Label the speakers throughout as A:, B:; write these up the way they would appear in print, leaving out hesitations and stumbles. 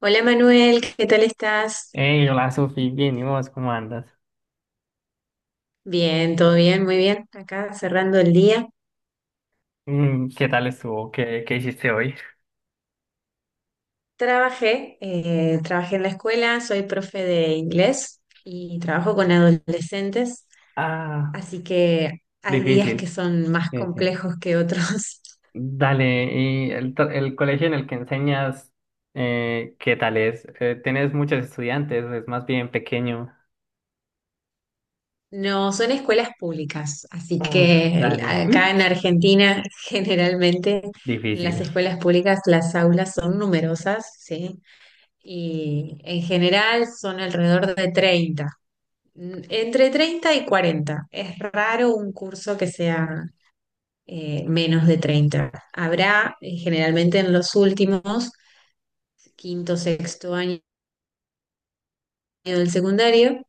A: Hola Manuel, ¿qué tal estás?
B: Hey, hola Sofi, bien, ¿y vos cómo andas?
A: Bien, todo bien, muy bien. Acá cerrando el día.
B: Mm, ¿qué tal estuvo? ¿¿Qué hiciste hoy?
A: Trabajé en la escuela, soy profe de inglés y trabajo con adolescentes,
B: Ah,
A: así que hay días que
B: difícil.
A: son más
B: Sí, sí.
A: complejos que otros.
B: Dale, ¿y el colegio en el que enseñas, qué tal es? ¿Tienes muchos estudiantes? ¿Es más bien pequeño?
A: No, son escuelas públicas, así
B: Uf,
A: que
B: dale,
A: acá en Argentina generalmente las
B: difícil.
A: escuelas públicas, las aulas son numerosas, ¿sí? Y en general son alrededor de 30. Entre 30 y 40. Es raro un curso que sea menos de 30. Habrá, generalmente en los últimos, quinto, sexto año del secundario,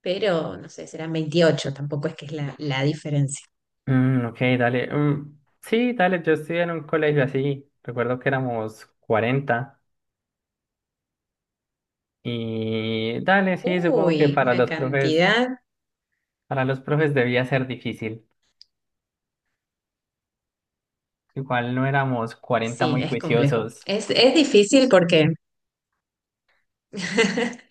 A: pero no sé, serán 28. Tampoco es que es la diferencia.
B: Mm, ok, dale. Mm, sí, dale, yo estudié en un colegio así. Recuerdo que éramos 40. Y dale, sí, supongo que
A: Uy, una cantidad.
B: para los profes debía ser difícil. Igual no éramos 40
A: Sí,
B: muy
A: es complejo.
B: juiciosos.
A: Es difícil porque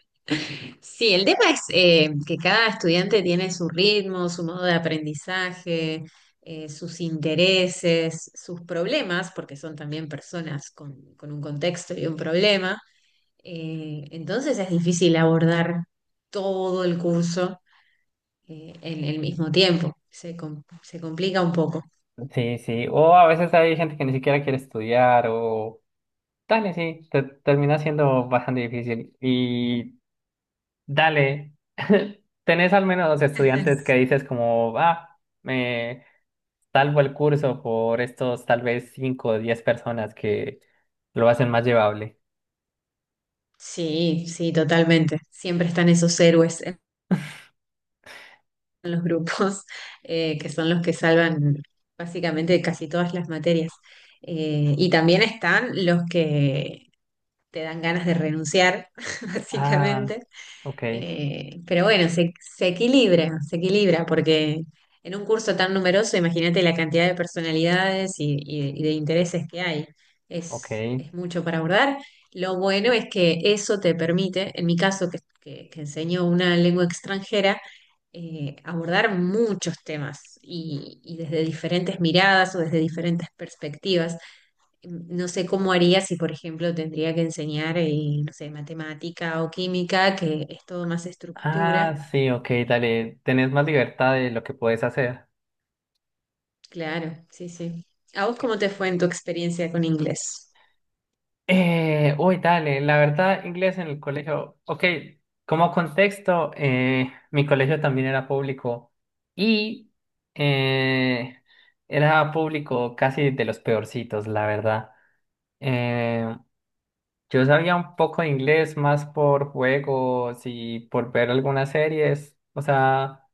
A: sí, el tema es que cada estudiante tiene su ritmo, su modo de aprendizaje, sus intereses, sus problemas, porque son también personas con un contexto y un problema. Entonces es difícil abordar todo el curso, en el mismo tiempo. Se complica un poco.
B: Sí, sí. O a veces hay gente que ni siquiera quiere estudiar o Dale, sí, termina siendo bastante difícil. Y dale, tenés al menos dos estudiantes que dices como, ah, me salvo el curso por estos tal vez 5 o 10 personas que lo hacen más llevable.
A: Sí, sí, totalmente. Siempre están esos héroes los grupos, que son los que salvan básicamente casi todas las materias. Y también están los que te dan ganas de renunciar,
B: Ah,
A: básicamente.
B: ok,
A: Pero bueno, se equilibra, se equilibra, porque en un curso tan numeroso, imagínate la cantidad de personalidades y de intereses que hay. Es,
B: ok.
A: es mucho para abordar. Lo bueno es que eso te permite, en mi caso, que enseño una lengua extranjera, abordar muchos temas y desde diferentes miradas o desde diferentes perspectivas. No sé cómo haría si, por ejemplo, tendría que enseñar, no sé, matemática o química, que es todo más
B: Ah,
A: estructura.
B: sí, ok, dale, tenés más libertad de lo que puedes hacer.
A: Claro, sí, sí. ¿A vos cómo te fue en tu experiencia con inglés?
B: Uy, dale, la verdad, inglés en el colegio, ok, como contexto, mi colegio también era público y eh, era público casi de los peorcitos, la verdad. Eh, yo sabía un poco de inglés más por juegos y por ver algunas series, o sea,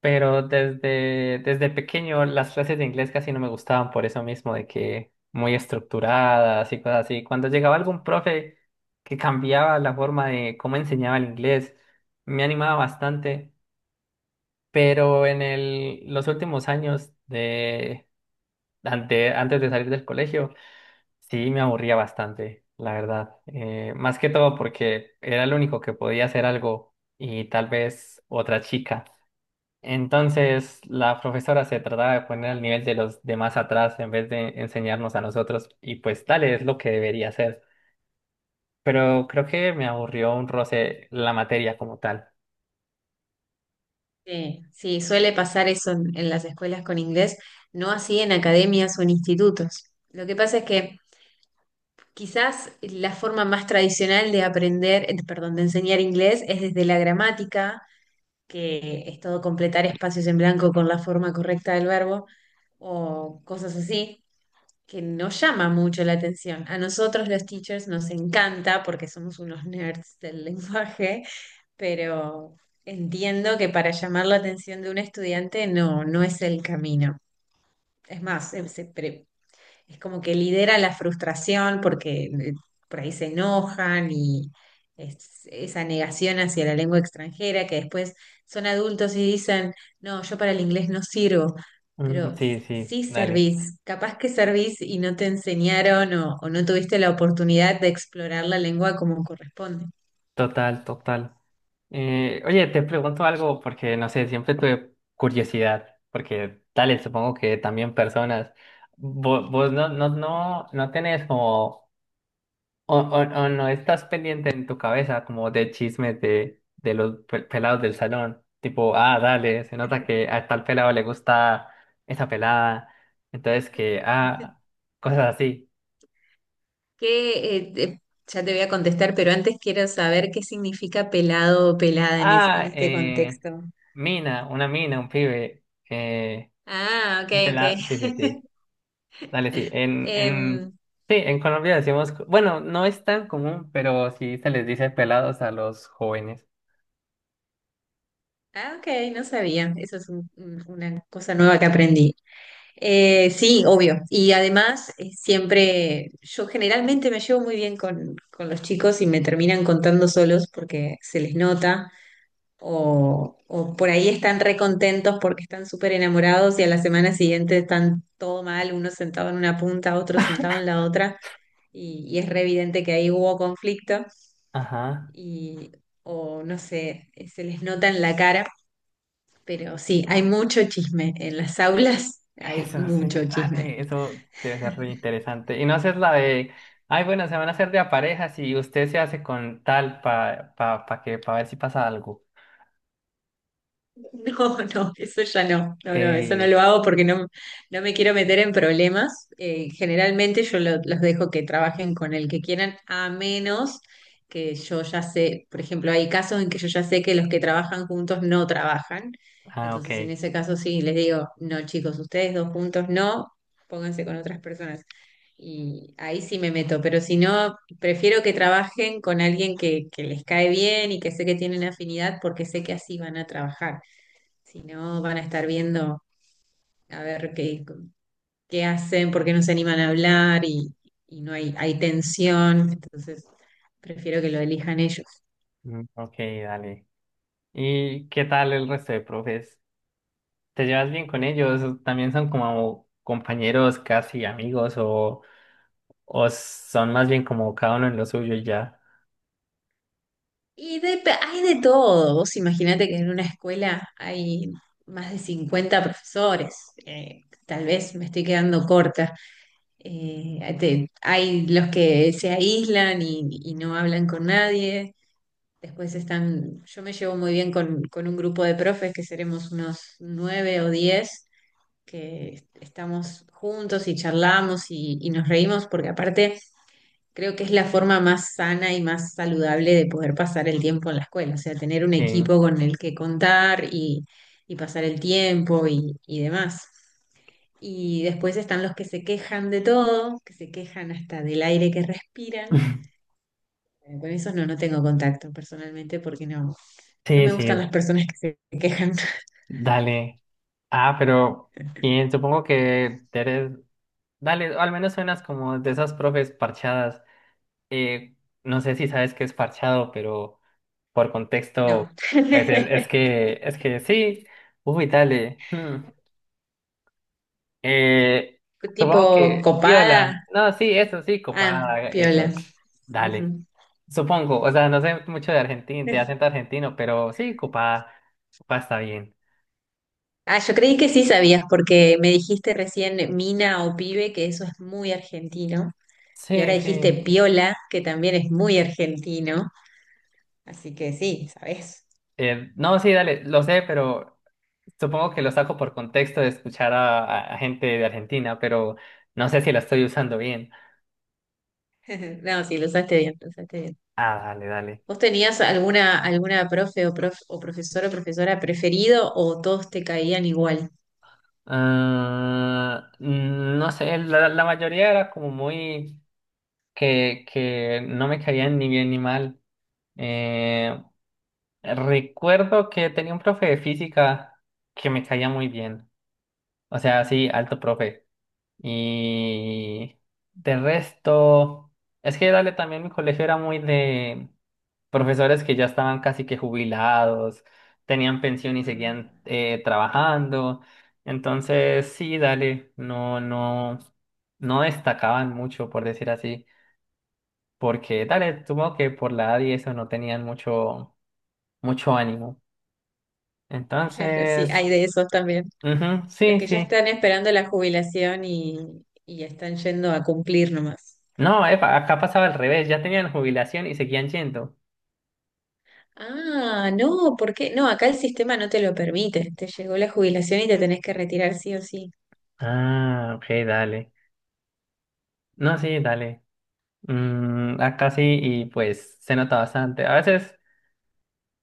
B: pero desde pequeño las clases de inglés casi no me gustaban por eso mismo, de que muy estructuradas y cosas así. Cuando llegaba algún profe que cambiaba la forma de cómo enseñaba el inglés, me animaba bastante. Pero en los últimos años de, antes de salir del colegio, sí me aburría bastante, la verdad. Más que todo porque era el único que podía hacer algo y tal vez otra chica. Entonces, la profesora se trataba de poner al nivel de los demás atrás en vez de enseñarnos a nosotros, y pues tal es lo que debería hacer. Pero creo que me aburrió un roce la materia como tal.
A: Sí, sí, suele pasar eso en las escuelas con inglés, no así en academias o en institutos. Lo que pasa es que quizás la forma más tradicional de aprender, perdón, de enseñar inglés es desde la gramática, que es todo completar espacios en blanco con la forma correcta del verbo o cosas así, que no llama mucho la atención. A nosotros los teachers nos encanta porque somos unos nerds del lenguaje, pero entiendo que para llamar la atención de un estudiante no, no es el camino. Es más, es como que lidera la frustración porque, por ahí se enojan y esa negación hacia la lengua extranjera, que después son adultos y dicen, no, yo para el inglés no sirvo,
B: Mm,
A: pero
B: sí, sí,
A: sí
B: dale.
A: servís, capaz que servís y no te enseñaron o no tuviste la oportunidad de explorar la lengua como corresponde.
B: Total, total. Oye, te pregunto algo porque no sé, siempre tuve curiosidad, porque tal, supongo que también personas. Vos no tenés como o no estás pendiente en tu cabeza como de chismes de los pelados del salón. Tipo, ah, dale, se nota que a tal pelado le gusta esa pelada. Entonces que, ah, cosas así.
A: ¿Qué, eh, te- ya te voy a contestar, pero antes quiero saber qué significa pelado o pelada en, en
B: Ah,
A: este contexto.
B: mina, una mina, un pibe. Eh,
A: Ah, ok,
B: un pelado,
A: ok.
B: sí, sí, sí. Dale, sí.
A: Em,
B: Sí, en Colombia decimos, bueno, no es tan común, pero sí se les dice pelados a los jóvenes.
A: Ah, ok, no sabía. Eso es una cosa nueva que aprendí. Sí, obvio. Y además, siempre, yo generalmente me llevo muy bien con los chicos y me terminan contando solos porque se les nota, o por ahí están recontentos porque están súper enamorados y a la semana siguiente están todo mal, uno sentado en una punta, otro sentado en la otra, y es re evidente que ahí hubo conflicto
B: Ajá.
A: y, o no sé, se les nota en la cara, pero sí, hay mucho chisme en las aulas, hay
B: Eso sí,
A: mucho chisme.
B: dale, eso debe ser re interesante. Y no haces la de, ay, bueno, se van a hacer de a parejas y usted se hace con tal para pa, pa pa que, para ver si pasa algo.
A: No, no, eso ya no, no, no, eso no
B: Ey,
A: lo hago porque no, no me quiero meter en problemas. Generalmente yo los dejo que trabajen con el que quieran, a menos que yo ya sé, por ejemplo, hay casos en que yo ya sé que los que trabajan juntos no trabajan.
B: ah, ok,
A: Entonces, en ese caso sí, les digo, no, chicos, ustedes dos juntos no, pónganse con otras personas. Y ahí sí me meto, pero si no, prefiero que trabajen con alguien que les cae bien y que sé que tienen afinidad porque sé que así van a trabajar. Si no, van a estar viendo a ver qué hacen, por qué no se animan a hablar, y no hay tensión. Entonces, prefiero que lo elijan ellos.
B: mm, ok, dale. ¿Y qué tal el resto de profes? ¿Te llevas bien con ellos? ¿También son como compañeros, casi amigos o son más bien como cada uno en lo suyo y ya?
A: Hay de todo. Vos imaginate que en una escuela hay más de 50 profesores. Tal vez me estoy quedando corta. Hay los que se aíslan y no hablan con nadie. Después están, yo me llevo muy bien con un grupo de profes que seremos unos nueve o 10, que estamos juntos y charlamos, y nos reímos, porque aparte creo que es la forma más sana y más saludable de poder pasar el tiempo en la escuela, o sea, tener un
B: Sí,
A: equipo con el que contar, y pasar el tiempo y demás. Y después están los que se quejan de todo, que se quejan hasta del aire que respiran. Con esos no, no tengo contacto personalmente porque no, no
B: sí,
A: me gustan las
B: sí,
A: personas que se quejan.
B: dale. Ah, pero y supongo que eres dale, al menos suenas como de esas profes parchadas. Eh, no sé si sabes qué es parchado, pero por
A: No.
B: contexto, pues es, es que sí. Uy, dale. Hmm. Eh,
A: Tipo
B: supongo que
A: copada.
B: piola. No, sí, eso sí, copada,
A: Ah, piola.
B: eso. Dale.
A: Ujú.
B: Supongo, o sea, no sé mucho de argentino, de acento argentino, pero sí, copada, copada está bien.
A: Ah, yo creí que sí sabías porque me dijiste recién mina o pibe, que eso es muy argentino. Y ahora
B: Sí,
A: dijiste
B: sí.
A: piola, que también es muy argentino. Así que sí, sabes.
B: No, sí, dale, lo sé, pero supongo que lo saco por contexto de escuchar a, a gente de Argentina, pero no sé si la estoy usando bien.
A: No, sí, lo usaste bien, lo usaste bien.
B: Ah, dale, dale.
A: ¿Vos tenías alguna profe, o profesor o profesora preferido, o todos te caían igual?
B: Ah, mm, no sé, la mayoría era como muy que no me caían ni bien ni mal. Eh, recuerdo que tenía un profe de física que me caía muy bien. O sea, sí, alto profe. Y de resto, es que dale, también mi colegio era muy de profesores que ya estaban casi que jubilados, tenían pensión y
A: Ah,
B: seguían trabajando. Entonces, sí, dale, no destacaban mucho, por decir así, porque dale, supongo que por la edad y eso no tenían mucho, mucho ánimo.
A: claro, sí,
B: Entonces,
A: hay de esos también.
B: ujú,
A: Los
B: sí,
A: que ya
B: sí.
A: están esperando la jubilación, y están yendo a cumplir nomás.
B: No, epa, acá pasaba al revés, ya tenían jubilación y seguían yendo.
A: Ah, no, ¿por qué? No, acá el sistema no te lo permite. Te llegó la jubilación y te tenés que retirar sí o sí.
B: Ah, ok, dale. No, sí, dale. Mm, acá sí, y pues se nota bastante. A veces.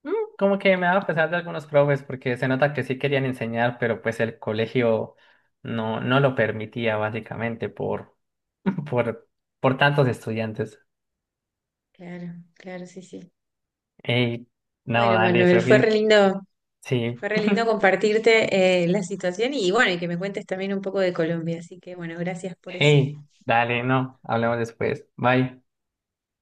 B: Mm, como que me daba pesar de algunos profes porque se nota que sí querían enseñar, pero pues el colegio no lo permitía básicamente por, por, por tantos estudiantes.
A: Claro, claro, sí, sí.
B: Ey, no,
A: Bueno,
B: dale,
A: Manuel,
B: Sofi. Sí.
A: fue re lindo compartirte, la situación y bueno, y que me cuentes también un poco de Colombia. Así que bueno, gracias por eso.
B: Ey, dale, no, hablamos después. Bye.